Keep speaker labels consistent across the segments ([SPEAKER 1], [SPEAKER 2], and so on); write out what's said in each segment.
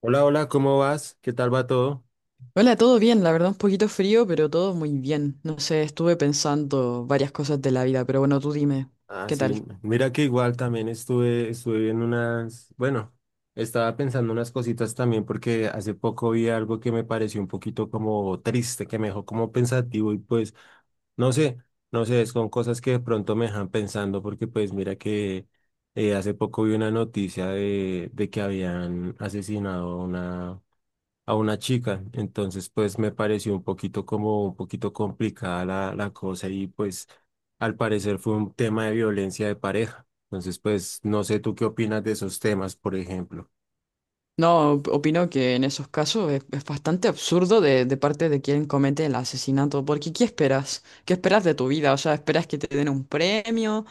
[SPEAKER 1] Hola, hola, ¿cómo vas? ¿Qué tal va todo?
[SPEAKER 2] Hola, todo bien, la verdad un poquito frío, pero todo muy bien. No sé, estuve pensando varias cosas de la vida, pero bueno, tú dime,
[SPEAKER 1] Ah,
[SPEAKER 2] ¿qué
[SPEAKER 1] sí,
[SPEAKER 2] tal?
[SPEAKER 1] mira que igual también estuve viendo unas, bueno, estaba pensando unas cositas también porque hace poco vi algo que me pareció un poquito como triste, que me dejó como pensativo y pues, no sé, no sé, son cosas que de pronto me dejan pensando porque pues mira que hace poco vi una noticia de que habían asesinado a una chica. Entonces, pues me pareció un poquito como un poquito complicada la cosa y pues al parecer fue un tema de violencia de pareja. Entonces, pues no sé tú qué opinas de esos temas, por ejemplo.
[SPEAKER 2] No, opino que en esos casos es bastante absurdo de parte de quien comete el asesinato, porque ¿qué esperas? ¿Qué esperas de tu vida? O sea, ¿esperas que te den un premio?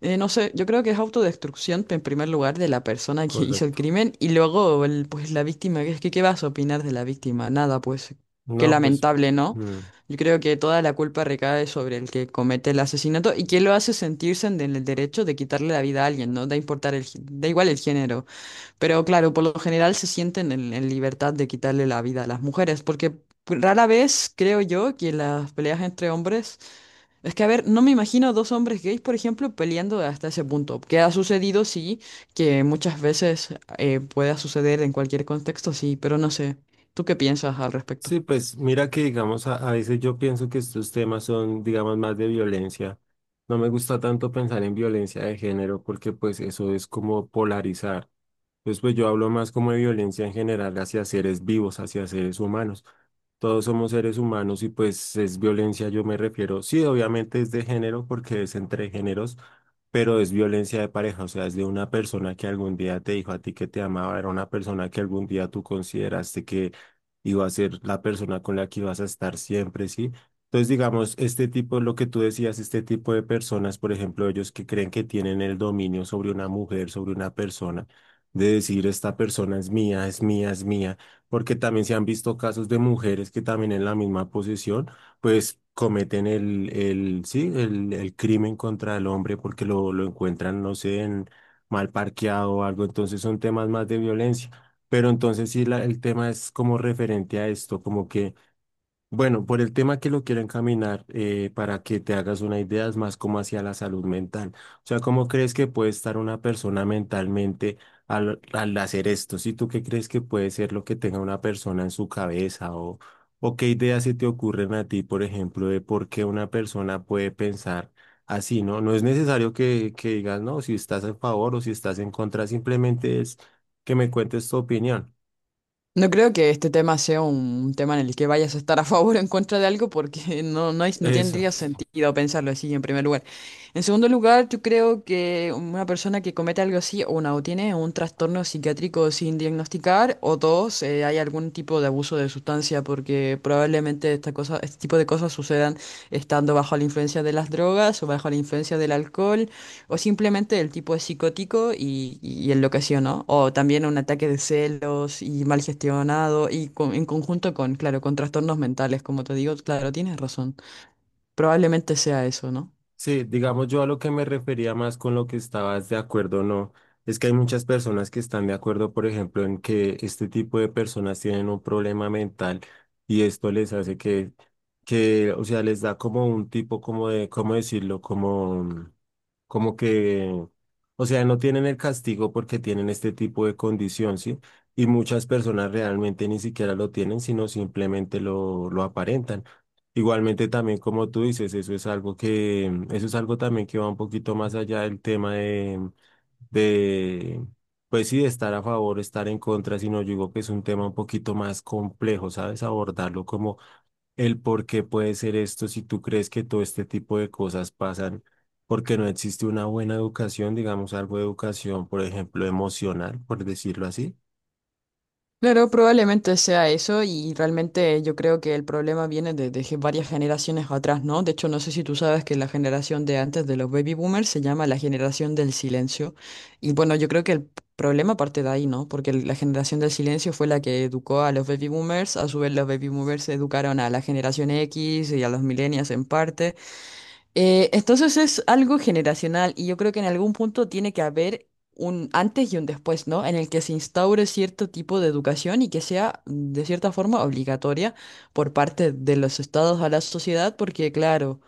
[SPEAKER 2] No sé, yo creo que es autodestrucción en primer lugar de la persona que hizo el
[SPEAKER 1] Correcto.
[SPEAKER 2] crimen y luego pues la víctima, que es que ¿qué vas a opinar de la víctima? Nada, pues qué
[SPEAKER 1] No, pues
[SPEAKER 2] lamentable, ¿no?
[SPEAKER 1] mm.
[SPEAKER 2] Yo creo que toda la culpa recae sobre el que comete el asesinato y que lo hace sentirse en el derecho de quitarle la vida a alguien, ¿no? Da importar el, da igual el género, pero claro, por lo general se sienten en libertad de quitarle la vida a las mujeres, porque pues, rara vez creo yo que las peleas entre hombres es que, a ver, no me imagino dos hombres gays, por ejemplo, peleando hasta ese punto. Que ha sucedido, sí, que muchas veces pueda suceder en cualquier contexto, sí, pero no sé. ¿Tú qué piensas al respecto?
[SPEAKER 1] sí, pues mira que digamos, a veces yo pienso que estos temas son, digamos, más de violencia. No me gusta tanto pensar en violencia de género porque pues eso es como polarizar. Pues yo hablo más como de violencia en general hacia seres vivos, hacia seres humanos. Todos somos seres humanos y pues es violencia, yo me refiero. Sí, obviamente es de género porque es entre géneros, pero es violencia de pareja, o sea, es de una persona que algún día te dijo a ti que te amaba, era una persona que algún día tú consideraste que iba a ser la persona con la que ibas a estar siempre, ¿sí? Entonces, digamos, este tipo, lo que tú decías, este tipo de personas, por ejemplo, ellos que creen que tienen el dominio sobre una mujer, sobre una persona, de decir, esta persona es mía, es mía, es mía, porque también se han visto casos de mujeres que también en la misma posición pues cometen el, sí, el crimen contra el hombre porque lo encuentran, no sé, mal parqueado o algo, entonces son temas más de violencia. Pero entonces sí, el tema es como referente a esto, como que bueno, por el tema que lo quiero encaminar, para que te hagas una idea, es más como hacia la salud mental. O sea, ¿cómo crees que puede estar una persona mentalmente al hacer esto? ¿Si tú qué crees que puede ser lo que tenga una persona en su cabeza? O qué ideas se te ocurren a ti, por ejemplo, de por qué una persona puede pensar así, ¿no? No es necesario que digas, no, si estás a favor o si estás en contra, simplemente es que me cuentes tu opinión.
[SPEAKER 2] No creo que este tema sea un tema en el que vayas a estar a favor o en contra de algo porque no, no, no
[SPEAKER 1] Eso.
[SPEAKER 2] tendría sentido pensarlo así en primer lugar. En segundo lugar, yo creo que una persona que comete algo así, una, o tiene un trastorno psiquiátrico sin diagnosticar, o dos, hay algún tipo de abuso de sustancia porque probablemente esta cosa, este tipo de cosas sucedan estando bajo la influencia de las drogas o bajo la influencia del alcohol. O simplemente el tipo es psicótico y enloqueció, ¿no? O también un ataque de celos y mal gestionado y en conjunto con, claro, con trastornos mentales, como te digo, claro, tienes razón. Probablemente sea eso, ¿no?
[SPEAKER 1] Sí, digamos yo a lo que me refería más con lo que estabas de acuerdo o no, es que hay muchas personas que están de acuerdo, por ejemplo, en que este tipo de personas tienen un problema mental y esto les hace que, o sea, les da como un tipo, como de, ¿cómo decirlo? Como, como que, o sea, no tienen el castigo porque tienen este tipo de condición, ¿sí? Y muchas personas realmente ni siquiera lo tienen, sino simplemente lo aparentan. Igualmente también como tú dices, eso es algo que, eso es algo también que va un poquito más allá del tema de, de, pues sí, de estar a favor, estar en contra, sino yo digo que es un tema un poquito más complejo, ¿sabes? Abordarlo como el por qué puede ser esto, si tú crees que todo este tipo de cosas pasan, porque no existe una buena educación, digamos algo de educación, por ejemplo, emocional, por decirlo así.
[SPEAKER 2] Claro, probablemente sea eso y realmente yo creo que el problema viene de varias generaciones atrás, ¿no? De hecho, no sé si tú sabes que la generación de antes de los baby boomers se llama la generación del silencio y bueno, yo creo que problema parte de ahí, ¿no? Porque la generación del silencio fue la que educó a los baby boomers, a su vez los baby boomers educaron a la generación X y a los millennials en parte. Entonces es algo generacional y yo creo que en algún punto tiene que haber un antes y un después, ¿no? En el que se instaure cierto tipo de educación y que sea mm, de cierta forma obligatoria por parte de los estados a la sociedad, porque claro,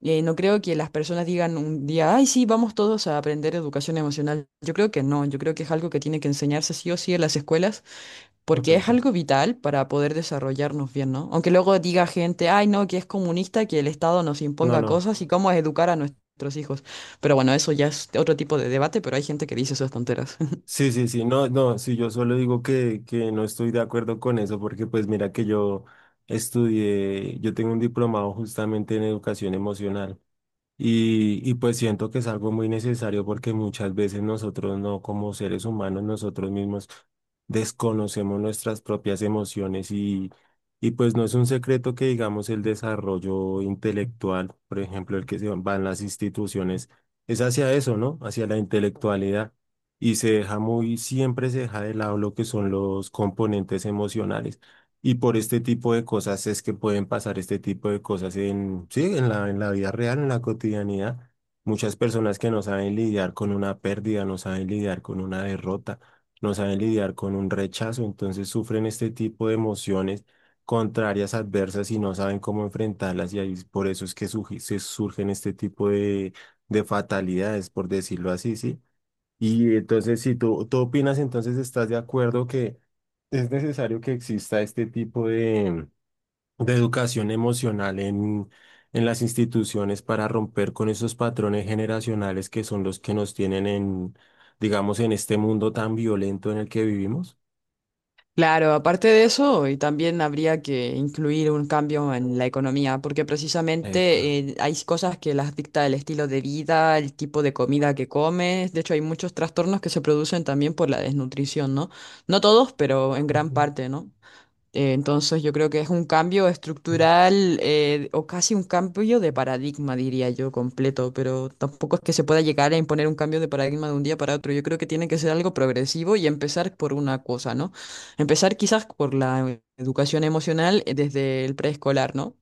[SPEAKER 2] no creo que las personas digan un día, ay, sí, vamos todos a aprender educación emocional. Yo creo que no, yo creo que es algo que tiene que enseñarse sí o sí en las escuelas porque es
[SPEAKER 1] Correcto.
[SPEAKER 2] algo vital para poder desarrollarnos bien, ¿no? Aunque luego diga gente, ay, no, que es comunista, que el Estado nos
[SPEAKER 1] No,
[SPEAKER 2] imponga
[SPEAKER 1] no.
[SPEAKER 2] cosas y cómo educar a nuestros hijos. Pero bueno, eso ya es otro tipo de debate, pero hay gente que dice esas tonteras.
[SPEAKER 1] Sí, sí, sí, no, no, sí, yo solo digo que no estoy de acuerdo con eso porque pues mira que yo estudié, yo tengo un diplomado justamente en educación emocional. Y pues siento que es algo muy necesario porque muchas veces nosotros no, como seres humanos, nosotros mismos desconocemos nuestras propias emociones y pues no es un secreto que digamos el desarrollo intelectual, por ejemplo, el que se va en las instituciones, es hacia eso, ¿no? Hacia la intelectualidad y se deja muy, siempre se deja de lado lo que son los componentes emocionales. Y por este tipo de cosas es que pueden pasar este tipo de cosas en, sí, en la vida real, en la cotidianidad. Muchas personas que no saben lidiar con una pérdida, no saben lidiar con una derrota, no saben lidiar con un rechazo, entonces sufren este tipo de emociones contrarias, adversas y no saben cómo enfrentarlas y ahí por eso es que se surgen este tipo de fatalidades, por decirlo así, ¿sí? Y entonces, si tú, tú opinas, entonces estás de acuerdo que es necesario que exista este tipo de educación emocional en las instituciones para romper con esos patrones generacionales que son los que nos tienen en, digamos, en este mundo tan violento en el que vivimos.
[SPEAKER 2] Claro, aparte de eso, y también habría que incluir un cambio en la economía, porque
[SPEAKER 1] Epa.
[SPEAKER 2] precisamente hay cosas que las dicta el estilo de vida, el tipo de comida que comes. De hecho, hay muchos trastornos que se producen también por la desnutrición, ¿no? No todos, pero en gran
[SPEAKER 1] Ujú.
[SPEAKER 2] parte, ¿no? Entonces yo creo que es un cambio estructural o casi un cambio de paradigma, diría yo, completo, pero tampoco es que se pueda llegar a imponer un cambio de paradigma de un día para otro. Yo creo que tiene que ser algo progresivo y empezar por una cosa, ¿no? Empezar quizás por la educación emocional desde el preescolar, ¿no?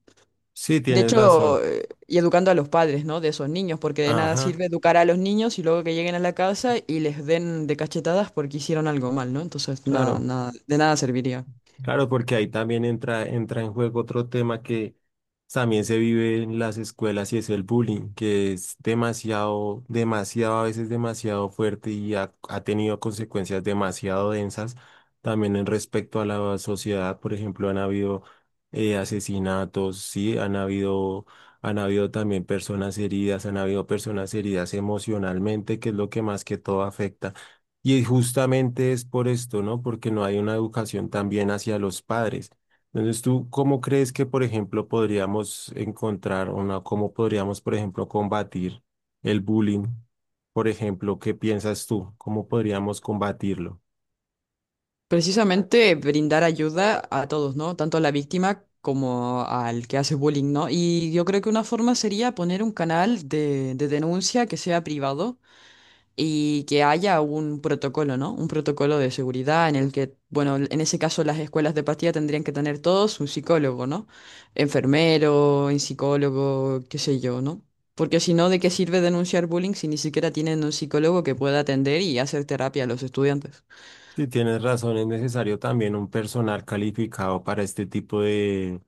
[SPEAKER 1] Sí,
[SPEAKER 2] De
[SPEAKER 1] tienes
[SPEAKER 2] hecho,
[SPEAKER 1] razón.
[SPEAKER 2] y educando a los padres, ¿no? De esos niños, porque de nada
[SPEAKER 1] Ajá,
[SPEAKER 2] sirve educar a los niños y luego que lleguen a la casa y les den de cachetadas porque hicieron algo mal, ¿no? Entonces, nada,
[SPEAKER 1] claro.
[SPEAKER 2] nada, de nada serviría.
[SPEAKER 1] Claro, porque ahí también entra en juego otro tema que también se vive en las escuelas y es el bullying, que es demasiado, demasiado, a veces demasiado fuerte y ha, ha tenido consecuencias demasiado densas también en respecto a la sociedad. Por ejemplo, han habido asesinatos, sí, han habido también personas heridas, han habido personas heridas emocionalmente, que es lo que más que todo afecta y justamente es por esto, ¿no? Porque no hay una educación también hacia los padres. Entonces, ¿tú cómo crees que, por ejemplo, podríamos encontrar una, cómo podríamos, por ejemplo, combatir el bullying? Por ejemplo, ¿qué piensas tú? ¿Cómo podríamos combatirlo?
[SPEAKER 2] Precisamente brindar ayuda a todos, ¿no? Tanto a la víctima como al que hace bullying, ¿no? Y yo creo que una forma sería poner un canal de denuncia que sea privado y que haya un protocolo, ¿no? Un protocolo de seguridad en el que, bueno, en ese caso las escuelas de pastilla tendrían que tener todos un psicólogo, ¿no? Enfermero, un psicólogo, qué sé yo, ¿no? Porque si no, ¿de qué sirve denunciar bullying si ni siquiera tienen un psicólogo que pueda atender y hacer terapia a los estudiantes?
[SPEAKER 1] Si tienes razón, es necesario también un personal calificado para este tipo de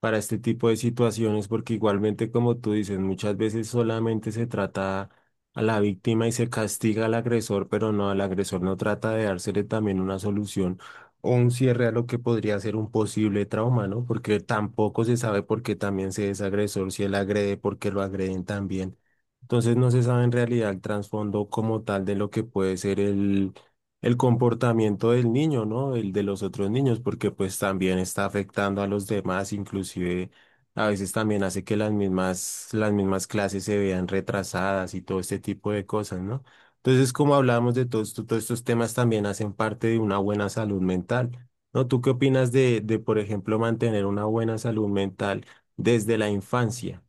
[SPEAKER 1] para este tipo de situaciones, porque igualmente, como tú dices, muchas veces solamente se trata a la víctima y se castiga al agresor, pero no, al agresor no trata de dársele también una solución o un cierre a lo que podría ser un posible trauma, ¿no? Porque tampoco se sabe por qué también se es agresor, si él agrede, por qué lo agreden también. Entonces no se sabe en realidad el trasfondo como tal de lo que puede ser el comportamiento del niño, ¿no? El de los otros niños, porque pues también está afectando a los demás, inclusive a veces también hace que las mismas clases se vean retrasadas y todo este tipo de cosas, ¿no? Entonces, como hablábamos de todo esto, todos estos temas también hacen parte de una buena salud mental, ¿no? ¿Tú qué opinas de por ejemplo, mantener una buena salud mental desde la infancia?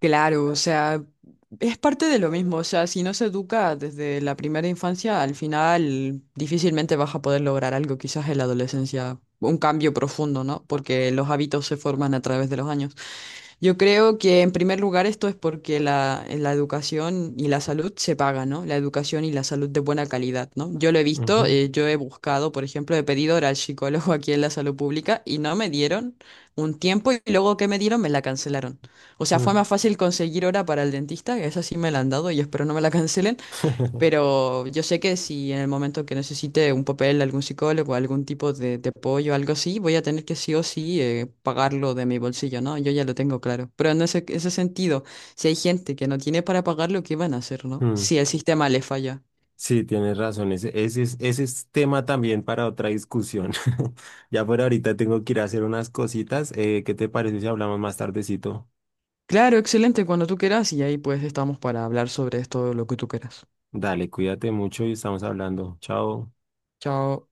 [SPEAKER 2] Claro, o sea, es parte de lo mismo, o sea, si no se educa desde la primera infancia, al final difícilmente vas a poder lograr algo, quizás en la adolescencia, un cambio profundo, ¿no? Porque los hábitos se forman a través de los años. Yo creo que en primer lugar esto es porque la educación y la salud se pagan, ¿no? La educación y la salud de buena calidad, ¿no? Yo lo he visto, yo he buscado, por ejemplo, he pedido hora al psicólogo aquí en la salud pública y no me dieron un tiempo y luego que me dieron me la cancelaron. O
[SPEAKER 1] Ujú,
[SPEAKER 2] sea,
[SPEAKER 1] ujú.
[SPEAKER 2] fue más fácil conseguir hora para el dentista, que esa sí me la han dado y espero no me la cancelen, pero yo sé que si en el momento que necesite un papel, algún psicólogo, algún tipo de apoyo, algo así, voy a tener que sí o sí pagarlo de mi bolsillo, ¿no? Yo ya lo tengo claro. Pero en ese sentido, si hay gente que no tiene para pagarlo, ¿qué van a hacer, no? Si el sistema le falla.
[SPEAKER 1] Sí, tienes razón. Ese ese es tema también para otra discusión. Ya por ahorita tengo que ir a hacer unas cositas. ¿Qué te parece si hablamos más tardecito?
[SPEAKER 2] Claro, excelente, cuando tú quieras y ahí pues estamos para hablar sobre esto, lo que tú quieras.
[SPEAKER 1] Dale, cuídate mucho y estamos hablando. Chao.
[SPEAKER 2] Chao.